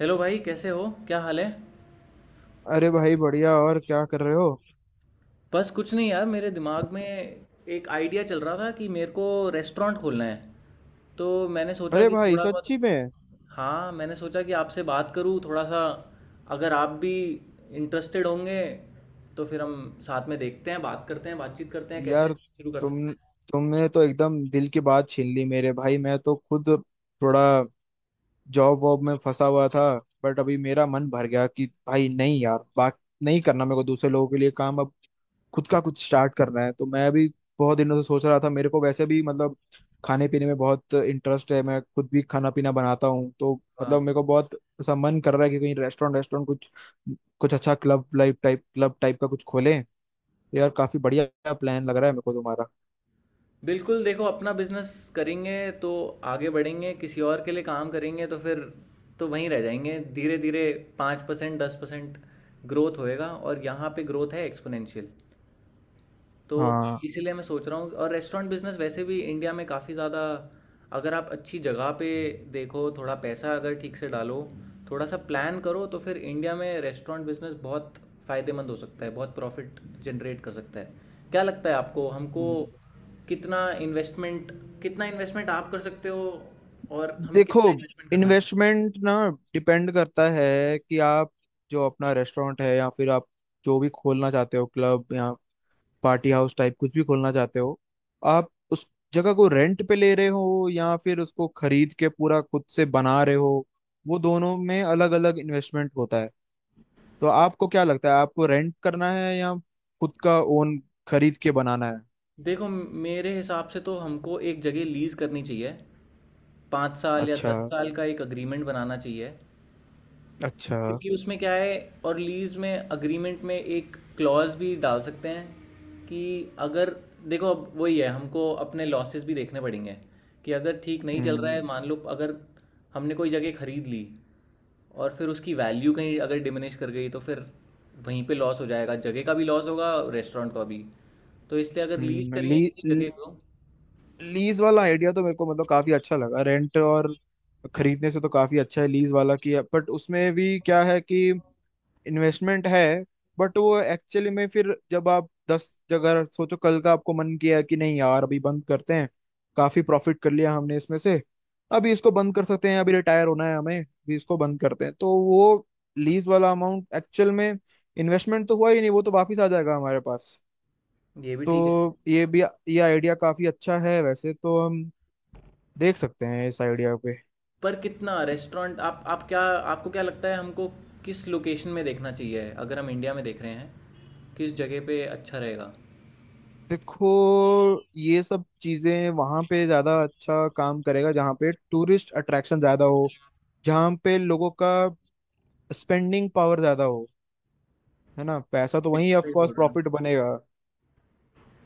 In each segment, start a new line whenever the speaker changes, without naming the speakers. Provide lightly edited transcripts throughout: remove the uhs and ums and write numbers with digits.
Hello भाई, कैसे हो, क्या हाल है।
अरे भाई बढ़िया। और क्या कर रहे हो?
बस कुछ नहीं यार, मेरे दिमाग में एक आइडिया चल रहा था कि मेरे को रेस्टोरेंट खोलना है। तो मैंने सोचा
अरे
कि
भाई,
थोड़ा बहुत,
सच्ची में?
हाँ, मैंने सोचा कि आपसे बात करूँ थोड़ा सा, अगर आप भी इंटरेस्टेड होंगे तो फिर हम साथ में देखते हैं, बात करते हैं, बातचीत करते हैं कैसे
यार,
शुरू कर सकते
तुम
हैं।
तुमने तो एकदम दिल की बात छीन ली मेरे भाई। मैं तो खुद थोड़ा जॉब वॉब में फंसा हुआ था। बट अभी मेरा मन भर गया कि भाई, नहीं यार, बात नहीं करना मेरे को दूसरे लोगों के लिए काम। अब खुद का कुछ स्टार्ट करना है। तो मैं भी बहुत दिनों से सोच रहा था, मेरे को वैसे भी मतलब खाने पीने में बहुत इंटरेस्ट है। मैं खुद भी खाना पीना बनाता हूँ। तो
हाँ,
मतलब मेरे को बहुत ऐसा मन कर रहा है कि कहीं रेस्टोरेंट रेस्टोरेंट कुछ कुछ अच्छा, club life type, club type का कुछ खोलें। तो यार काफी बढ़िया प्लान लग रहा है मेरे को तुम्हारा।
बिल्कुल, देखो अपना बिजनेस करेंगे तो आगे बढ़ेंगे, किसी और के लिए काम करेंगे तो फिर तो वहीं रह जाएंगे। धीरे धीरे 5%, 10% ग्रोथ होएगा, और यहाँ पे ग्रोथ है एक्सपोनेंशियल। तो
हाँ।
इसीलिए मैं सोच रहा हूँ। और रेस्टोरेंट बिजनेस वैसे भी इंडिया में काफ़ी ज़्यादा, अगर आप अच्छी जगह पे देखो, थोड़ा पैसा अगर ठीक से डालो, थोड़ा सा प्लान करो, तो फिर इंडिया में रेस्टोरेंट बिजनेस बहुत फ़ायदेमंद हो सकता है, बहुत प्रॉफिट जनरेट कर सकता है। क्या लगता है आपको, हमको
हम्म,
कितना इन्वेस्टमेंट, कितना इन्वेस्टमेंट आप कर सकते हो और हमें
देखो,
कितना इन्वेस्टमेंट करना चाहिए।
इन्वेस्टमेंट ना डिपेंड करता है कि आप जो अपना रेस्टोरेंट है या फिर आप जो भी खोलना चाहते हो, क्लब या पार्टी हाउस टाइप कुछ भी खोलना चाहते हो, आप उस जगह को रेंट पे ले रहे हो या फिर उसको खरीद के पूरा खुद से बना रहे हो। वो दोनों में अलग अलग इन्वेस्टमेंट होता है। तो आपको क्या लगता है, आपको रेंट करना है या खुद का ओन, खरीद के बनाना है?
देखो मेरे हिसाब से तो हमको एक जगह लीज़ करनी चाहिए। 5 साल या
अच्छा।
10 साल का एक अग्रीमेंट बनाना चाहिए,
अच्छा।
क्योंकि उसमें क्या है, और लीज़ में अग्रीमेंट में एक क्लॉज भी डाल सकते हैं कि अगर, देखो, अब वही है, हमको अपने लॉसेस भी देखने पड़ेंगे कि अगर ठीक नहीं चल रहा है,
हम्म
मान लो, अगर हमने कोई जगह खरीद ली और फिर उसकी वैल्यू कहीं अगर डिमिनिश कर गई तो फिर वहीं पे लॉस हो जाएगा, जगह का भी लॉस होगा, रेस्टोरेंट का भी। तो इसलिए अगर लीज़
ली,
करेंगे किसी
ली-
जगह को,
लीज वाला आइडिया तो मेरे को मतलब काफी अच्छा लगा। रेंट और खरीदने से तो काफी अच्छा है लीज वाला की। बट उसमें भी क्या है कि इन्वेस्टमेंट है। बट वो एक्चुअली में फिर जब आप 10 जगह सोचो, कल का आपको मन किया कि नहीं यार अभी बंद करते हैं, काफी प्रॉफिट कर लिया हमने इसमें से, अभी इसको बंद कर सकते हैं, अभी रिटायर होना है हमें, अभी इसको बंद करते हैं, तो वो लीज वाला अमाउंट एक्चुअल में इन्वेस्टमेंट तो हुआ ही नहीं। वो तो वापिस आ जाएगा हमारे पास।
ये भी ठीक है।
तो ये भी, ये आइडिया काफी अच्छा है। वैसे तो हम देख सकते हैं इस आइडिया पे।
पर कितना रेस्टोरेंट, आप क्या, आपको क्या लगता है हमको किस लोकेशन में देखना चाहिए, अगर हम इंडिया में देख रहे हैं किस जगह पे अच्छा रहेगा।
देखो, ये सब चीजें वहां पे ज्यादा अच्छा काम करेगा जहाँ पे टूरिस्ट अट्रैक्शन ज्यादा हो, जहाँ पे लोगों का स्पेंडिंग पावर ज्यादा हो, है ना? पैसा तो वहीं
बिल्कुल
ऑफ
सही
कोर्स
बोल रहे हैं।
प्रॉफिट बनेगा।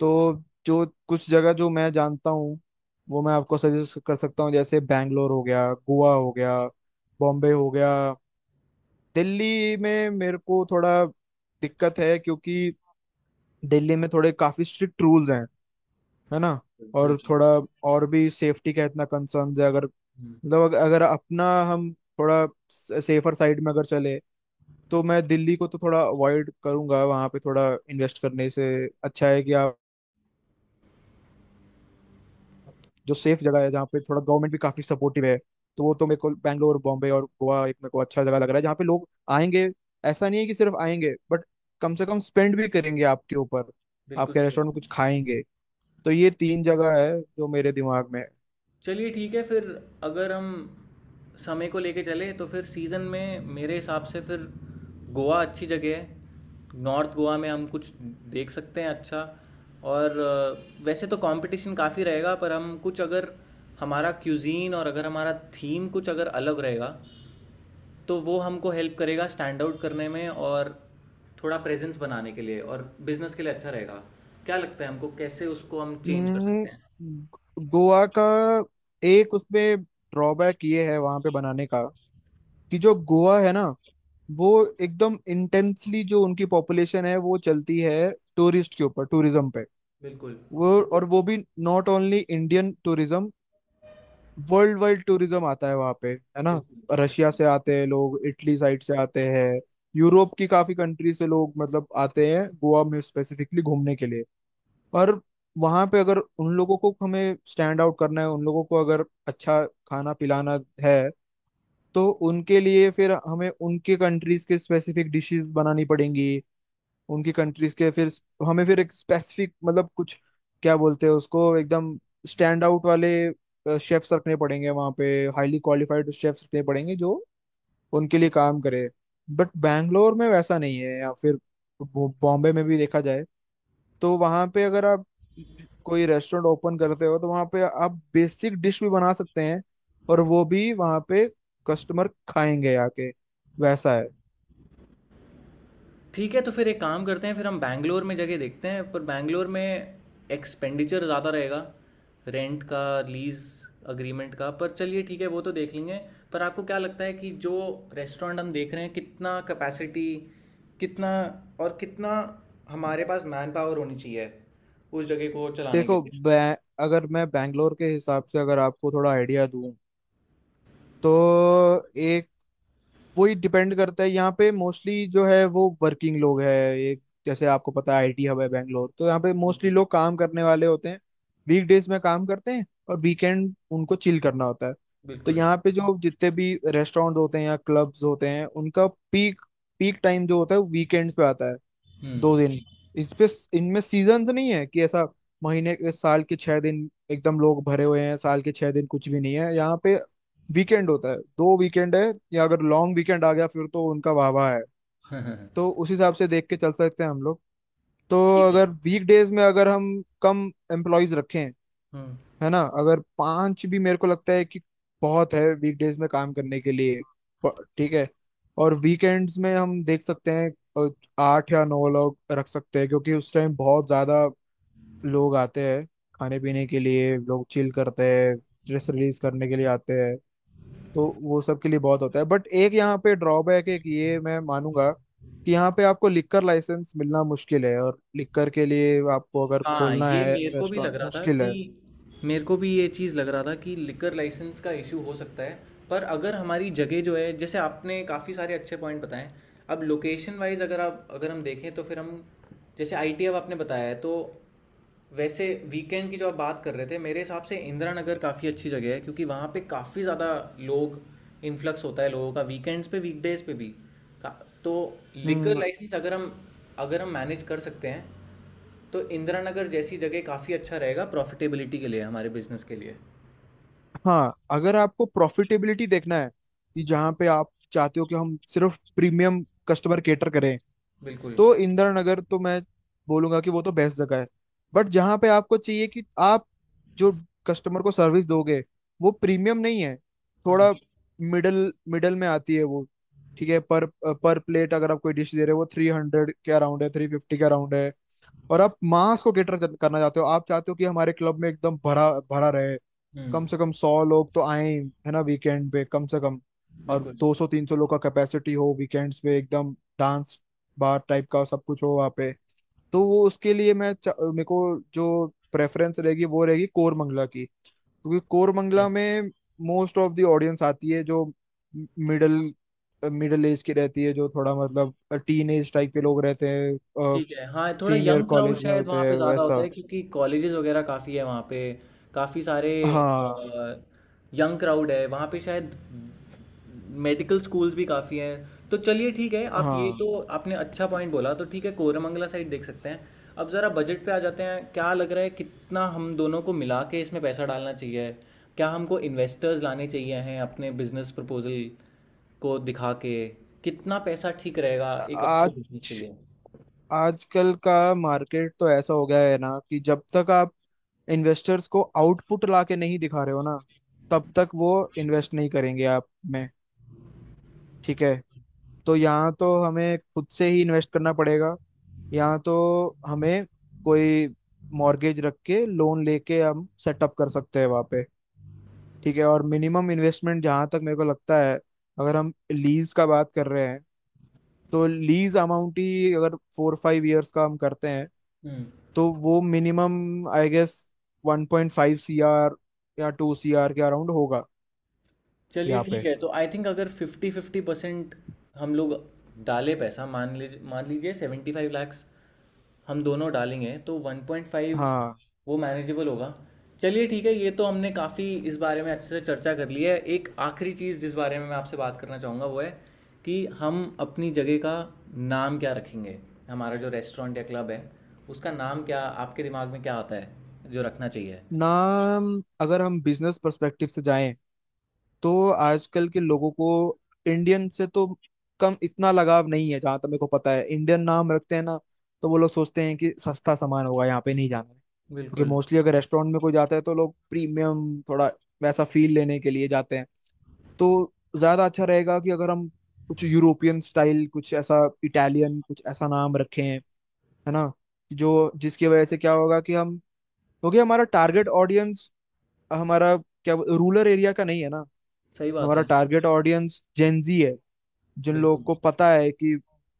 तो जो कुछ जगह जो मैं जानता हूँ, वो मैं आपको सजेस्ट कर सकता हूँ। जैसे बैंगलोर हो गया, गोवा हो गया, बॉम्बे हो गया। दिल्ली में मेरे को थोड़ा दिक्कत है, क्योंकि दिल्ली में थोड़े काफी स्ट्रिक्ट रूल्स हैं, है ना?
आप
और
बिल्कुल।
थोड़ा, और भी सेफ्टी का इतना कंसर्न है। अगर
हम्म,
मतलब अगर अगर अपना, हम थोड़ा सेफर साइड में अगर चले, तो मैं दिल्ली को तो थोड़ा अवॉइड करूंगा वहां पे थोड़ा इन्वेस्ट करने से। अच्छा है कि आप जो सेफ जगह है जहाँ पे थोड़ा गवर्नमेंट भी काफी सपोर्टिव है, तो वो तो मेरे को बैंगलोर, बॉम्बे और गोवा, एक मेरे को अच्छा जगह लग रहा है जहाँ पे लोग आएंगे। ऐसा नहीं है कि सिर्फ आएंगे, बट कम से कम स्पेंड भी करेंगे आपके ऊपर,
बिल्कुल
आपके
सही
रेस्टोरेंट
बात
में कुछ
है।
खाएंगे। तो ये तीन जगह है जो मेरे दिमाग में है।
चलिए ठीक है फिर, अगर हम समय को लेके चले तो फिर सीज़न में मेरे हिसाब से फिर गोवा अच्छी जगह है। नॉर्थ गोवा में हम कुछ देख सकते हैं। अच्छा, और वैसे तो कंपटीशन काफ़ी रहेगा, पर हम कुछ अगर, हमारा क्यूजीन और अगर हमारा थीम कुछ अगर अलग रहेगा, तो वो हमको हेल्प करेगा स्टैंड आउट करने में, और थोड़ा प्रेजेंस बनाने के लिए और बिजनेस के लिए अच्छा रहेगा। क्या लगता है हमको, कैसे उसको हम चेंज कर सकते
हम्म,
हैं।
गोवा का एक उसमें ड्रॉबैक ये है वहां पे बनाने का, कि जो गोवा है ना, वो एकदम इंटेंसली, जो उनकी पॉपुलेशन है वो चलती है टूरिस्ट के ऊपर, टूरिज्म पे।
बिल्कुल,
वो और वो भी not only Indian tourism, worldwide tourism आता है वहां पे, है ना?
बिल्कुल,
रशिया
बिल्कुल।
से आते हैं लोग, इटली साइड से आते हैं, यूरोप की काफी कंट्री से लोग मतलब आते हैं गोवा में स्पेसिफिकली घूमने के लिए। पर वहां पे अगर उन लोगों को हमें स्टैंड आउट करना है, उन लोगों को अगर अच्छा खाना पिलाना है, तो उनके लिए फिर हमें उनके कंट्रीज के स्पेसिफिक डिशेस बनानी पड़ेंगी, उनकी कंट्रीज के। फिर हमें फिर एक स्पेसिफिक मतलब कुछ, क्या बोलते हैं उसको, एकदम स्टैंड आउट वाले शेफ्स रखने पड़ेंगे वहाँ पे, हाईली क्वालिफाइड शेफ्स रखने पड़ेंगे जो उनके लिए काम करे। बट बैंगलोर में वैसा नहीं है। या फिर बॉम्बे में भी देखा जाए, तो वहां पे अगर आप कोई रेस्टोरेंट ओपन करते हो, तो वहां पे आप बेसिक डिश भी बना सकते हैं, और वो भी वहां पे कस्टमर खाएंगे आके, वैसा है।
ठीक है तो फिर एक काम करते हैं, फिर हम बैंगलोर में जगह देखते हैं। पर बैंगलोर में एक्सपेंडिचर ज़्यादा रहेगा, रेंट का, लीज़ अग्रीमेंट का। पर चलिए ठीक है, वो तो देख लेंगे। पर आपको क्या लगता है कि जो रेस्टोरेंट हम देख रहे हैं, कितना कैपेसिटी, कितना, और कितना हमारे पास मैन पावर होनी चाहिए उस जगह को चलाने के
देखो
लिए।
अगर मैं बैंगलोर के हिसाब से अगर आपको थोड़ा आइडिया दूं, तो वही डिपेंड करता है यहाँ पे मोस्टली जो है वो वर्किंग लोग है। एक, जैसे आपको पता है आईटी हब है बैंगलोर, तो यहाँ पे मोस्टली लोग काम करने वाले होते हैं। वीक डेज में काम करते हैं और वीकेंड उनको चिल करना होता है। तो
बिल्कुल।
यहाँ पे जो जितने भी रेस्टोरेंट होते हैं या क्लब्स होते हैं, उनका पीक पीक टाइम जो होता है वो वीकेंड्स पे आता है।
हम्म।
2 दिन। इस पे इनमें सीजन नहीं है कि ऐसा महीने के, साल के 6 दिन एकदम लोग भरे हुए हैं, साल के 6 दिन कुछ भी नहीं है यहाँ पे। वीकेंड होता है, 2 वीकेंड है, या अगर लॉन्ग वीकेंड आ गया फिर तो उनका वाह वाह है। तो उस हिसाब से देख के चल सकते हैं हम लोग। तो
ठीक है।
अगर वीक डेज में अगर हम कम एम्प्लॉयज रखें,
हम्म।
है ना? अगर पांच भी, मेरे को लगता है कि बहुत है वीकडेज में काम करने के लिए। ठीक है। और वीकेंड्स में हम देख सकते हैं अ, 8 या 9 लोग रख सकते हैं, क्योंकि उस टाइम बहुत ज्यादा लोग आते हैं खाने पीने के लिए, लोग चिल करते हैं, स्ट्रेस रिलीज करने के लिए आते हैं। तो वो सब के लिए बहुत होता है। बट एक यहाँ पे ड्रॉबैक है कि ये मैं मानूंगा, कि यहाँ पे आपको लिक्कर लाइसेंस मिलना मुश्किल है, और लिक्कर के लिए आपको अगर
हाँ,
खोलना
ये
है
मेरे को भी
रेस्टोरेंट,
लग रहा था
मुश्किल
कि,
है।
मेरे को भी ये चीज़ लग रहा था कि लिकर लाइसेंस का इशू हो सकता है। पर अगर हमारी जगह जो है, जैसे आपने काफ़ी सारे अच्छे पॉइंट बताए, अब लोकेशन वाइज अगर आप, अगर हम देखें तो फिर हम, जैसे आईटी अब आपने बताया है, तो वैसे वीकेंड की जो आप बात कर रहे थे, मेरे हिसाब से इंदिरा नगर काफ़ी अच्छी जगह है, क्योंकि वहाँ पे काफ़ी ज़्यादा लोग इन्फ्लक्स होता है, लोगों का वीकेंड्स पे, वीकडेज पे भी। का- तो लिकर
हम्म।
लाइसेंस अगर हम, अगर हम मैनेज कर सकते हैं, तो इंदिरा नगर जैसी जगह काफ़ी अच्छा रहेगा प्रॉफिटेबिलिटी के लिए, हमारे बिजनेस के लिए।
हाँ, अगर आपको प्रॉफिटेबिलिटी देखना है, कि जहाँ पे आप चाहते हो कि हम सिर्फ प्रीमियम कस्टमर केटर करें,
बिल्कुल।
तो इंदिरा नगर तो मैं बोलूंगा कि वो तो बेस्ट जगह है। बट जहाँ पे आपको चाहिए कि आप जो कस्टमर को सर्विस दोगे वो प्रीमियम नहीं है,
हम्म।
थोड़ा मिडल मिडल में आती है वो, ठीक है, पर प्लेट अगर आप कोई डिश दे रहे हो वो 300 के अराउंड है, 350 के अराउंड है, और आप मास को कैटर करना चाहते हो, आप चाहते हो कि हमारे क्लब में एकदम भरा भरा रहे,
हम्म।
कम से कम 100 लोग तो आए, है ना? वीकेंड पे कम से कम। और
बिल्कुल।
200-300 लोग का कैपेसिटी हो वीकेंड्स पे, एकदम डांस बार टाइप का सब कुछ हो वहाँ पे। तो वो उसके लिए मैं मेरे को जो प्रेफरेंस रहेगी वो रहेगी कोरमंगला की, क्योंकि
ओके।
कोरमंगला में मोस्ट ऑफ द ऑडियंस आती है जो मिडिल, मिडिल एज की रहती है, जो थोड़ा मतलब टीन एज टाइप के लोग रहते हैं,
ठीक है, हाँ, थोड़ा
सीनियर
यंग क्राउड
कॉलेज में
शायद
होते
वहाँ
हैं,
पे ज़्यादा
वैसा।
होता है, क्योंकि कॉलेजेस वगैरह काफ़ी है वहाँ पे। काफ़ी सारे
हाँ,
यंग क्राउड है वहाँ पे शायद, मेडिकल स्कूल्स भी काफ़ी हैं। तो चलिए ठीक है, आप ये
हाँ।
तो, आपने अच्छा पॉइंट बोला, तो ठीक है कोरमंगला साइड देख सकते हैं। अब ज़रा बजट पे आ जाते हैं। क्या लग रहा है, कितना हम दोनों को मिला के इसमें पैसा डालना चाहिए। क्या हमको इन्वेस्टर्स लाने चाहिए हैं अपने बिजनेस प्रपोजल को दिखा के। कितना पैसा ठीक रहेगा एक अच्छे
आज
बिजनेस के लिए।
आजकल का मार्केट तो ऐसा हो गया है ना, कि जब तक आप इन्वेस्टर्स को आउटपुट ला के नहीं दिखा रहे हो ना, तब तक वो इन्वेस्ट नहीं करेंगे आप में। ठीक है। तो यहाँ तो हमें खुद से ही इन्वेस्ट करना पड़ेगा। यहाँ तो हमें कोई मॉर्गेज रख के लोन लेके हम सेटअप कर सकते हैं वहाँ पे। ठीक है। और मिनिमम इन्वेस्टमेंट जहाँ तक मेरे को लगता है, अगर हम लीज का बात कर रहे हैं, तो लीज अमाउंट ही अगर 4-5 इयर्स का हम करते हैं,
हम्म।
तो वो मिनिमम आई गेस 1.5 CR या 2 CR के अराउंड होगा।
चलिए
यहाँ
ठीक
पे
है, तो आई थिंक अगर 50-50% हम लोग डाले पैसा, मान लीजिए, 75 लाख हम दोनों डालेंगे तो 1.5,
हाँ।
वो मैनेजेबल होगा। चलिए ठीक है, ये तो हमने काफ़ी इस बारे में अच्छे से चर्चा कर ली है। एक आखिरी चीज़ जिस बारे में मैं आपसे बात करना चाहूँगा, वो है कि हम अपनी जगह का नाम क्या रखेंगे। हमारा जो रेस्टोरेंट या क्लब है, उसका नाम क्या, आपके दिमाग में क्या आता है जो रखना चाहिए।
नाम, अगर हम बिजनेस पर्सपेक्टिव से जाएं, तो आजकल के लोगों को इंडियन से तो कम, इतना लगाव नहीं है जहाँ तक मेरे को पता है। इंडियन नाम रखते हैं ना, तो वो लोग सोचते हैं कि सस्ता सामान होगा, यहाँ पे नहीं जाना है, क्योंकि
बिल्कुल
मोस्टली अगर रेस्टोरेंट में कोई जाता है तो लोग प्रीमियम थोड़ा वैसा फील लेने के लिए जाते हैं। तो ज्यादा अच्छा रहेगा कि अगर हम कुछ यूरोपियन स्टाइल कुछ ऐसा, इटालियन कुछ ऐसा नाम रखें, है ना? जो, जिसकी वजह से क्या होगा कि हम, क्योंकि हमारा टारगेट ऑडियंस, हमारा क्या रूरल एरिया का नहीं है ना।
सही बात
हमारा
है।
टारगेट ऑडियंस जेंजी है, जिन लोगों
बिल्कुल,
को पता है कि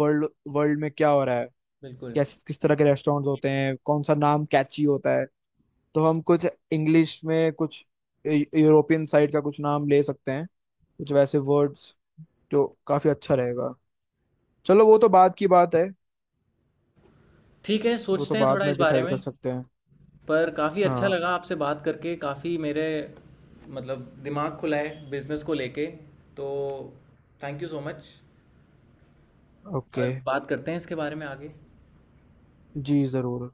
वर्ल्ड वर्ल्ड में क्या हो रहा है,
बिल्कुल।
कैसे किस तरह के रेस्टोरेंट होते हैं, कौन सा नाम कैची होता है। तो हम कुछ इंग्लिश में, कुछ यूरोपियन साइड का कुछ नाम ले सकते हैं, कुछ वैसे वर्ड्स, जो काफी अच्छा रहेगा। चलो वो तो बाद की बात है।
ठीक है,
वो तो
सोचते हैं
बाद
थोड़ा इस
में
बारे
डिसाइड
में।
कर सकते हैं।
पर काफ़ी अच्छा
हाँ।
लगा आपसे बात करके, काफ़ी मेरे मतलब दिमाग खुला है बिजनेस को लेके। तो thank you so much.
Okay.
और बात करते हैं इसके बारे में आगे।
जी जरूर।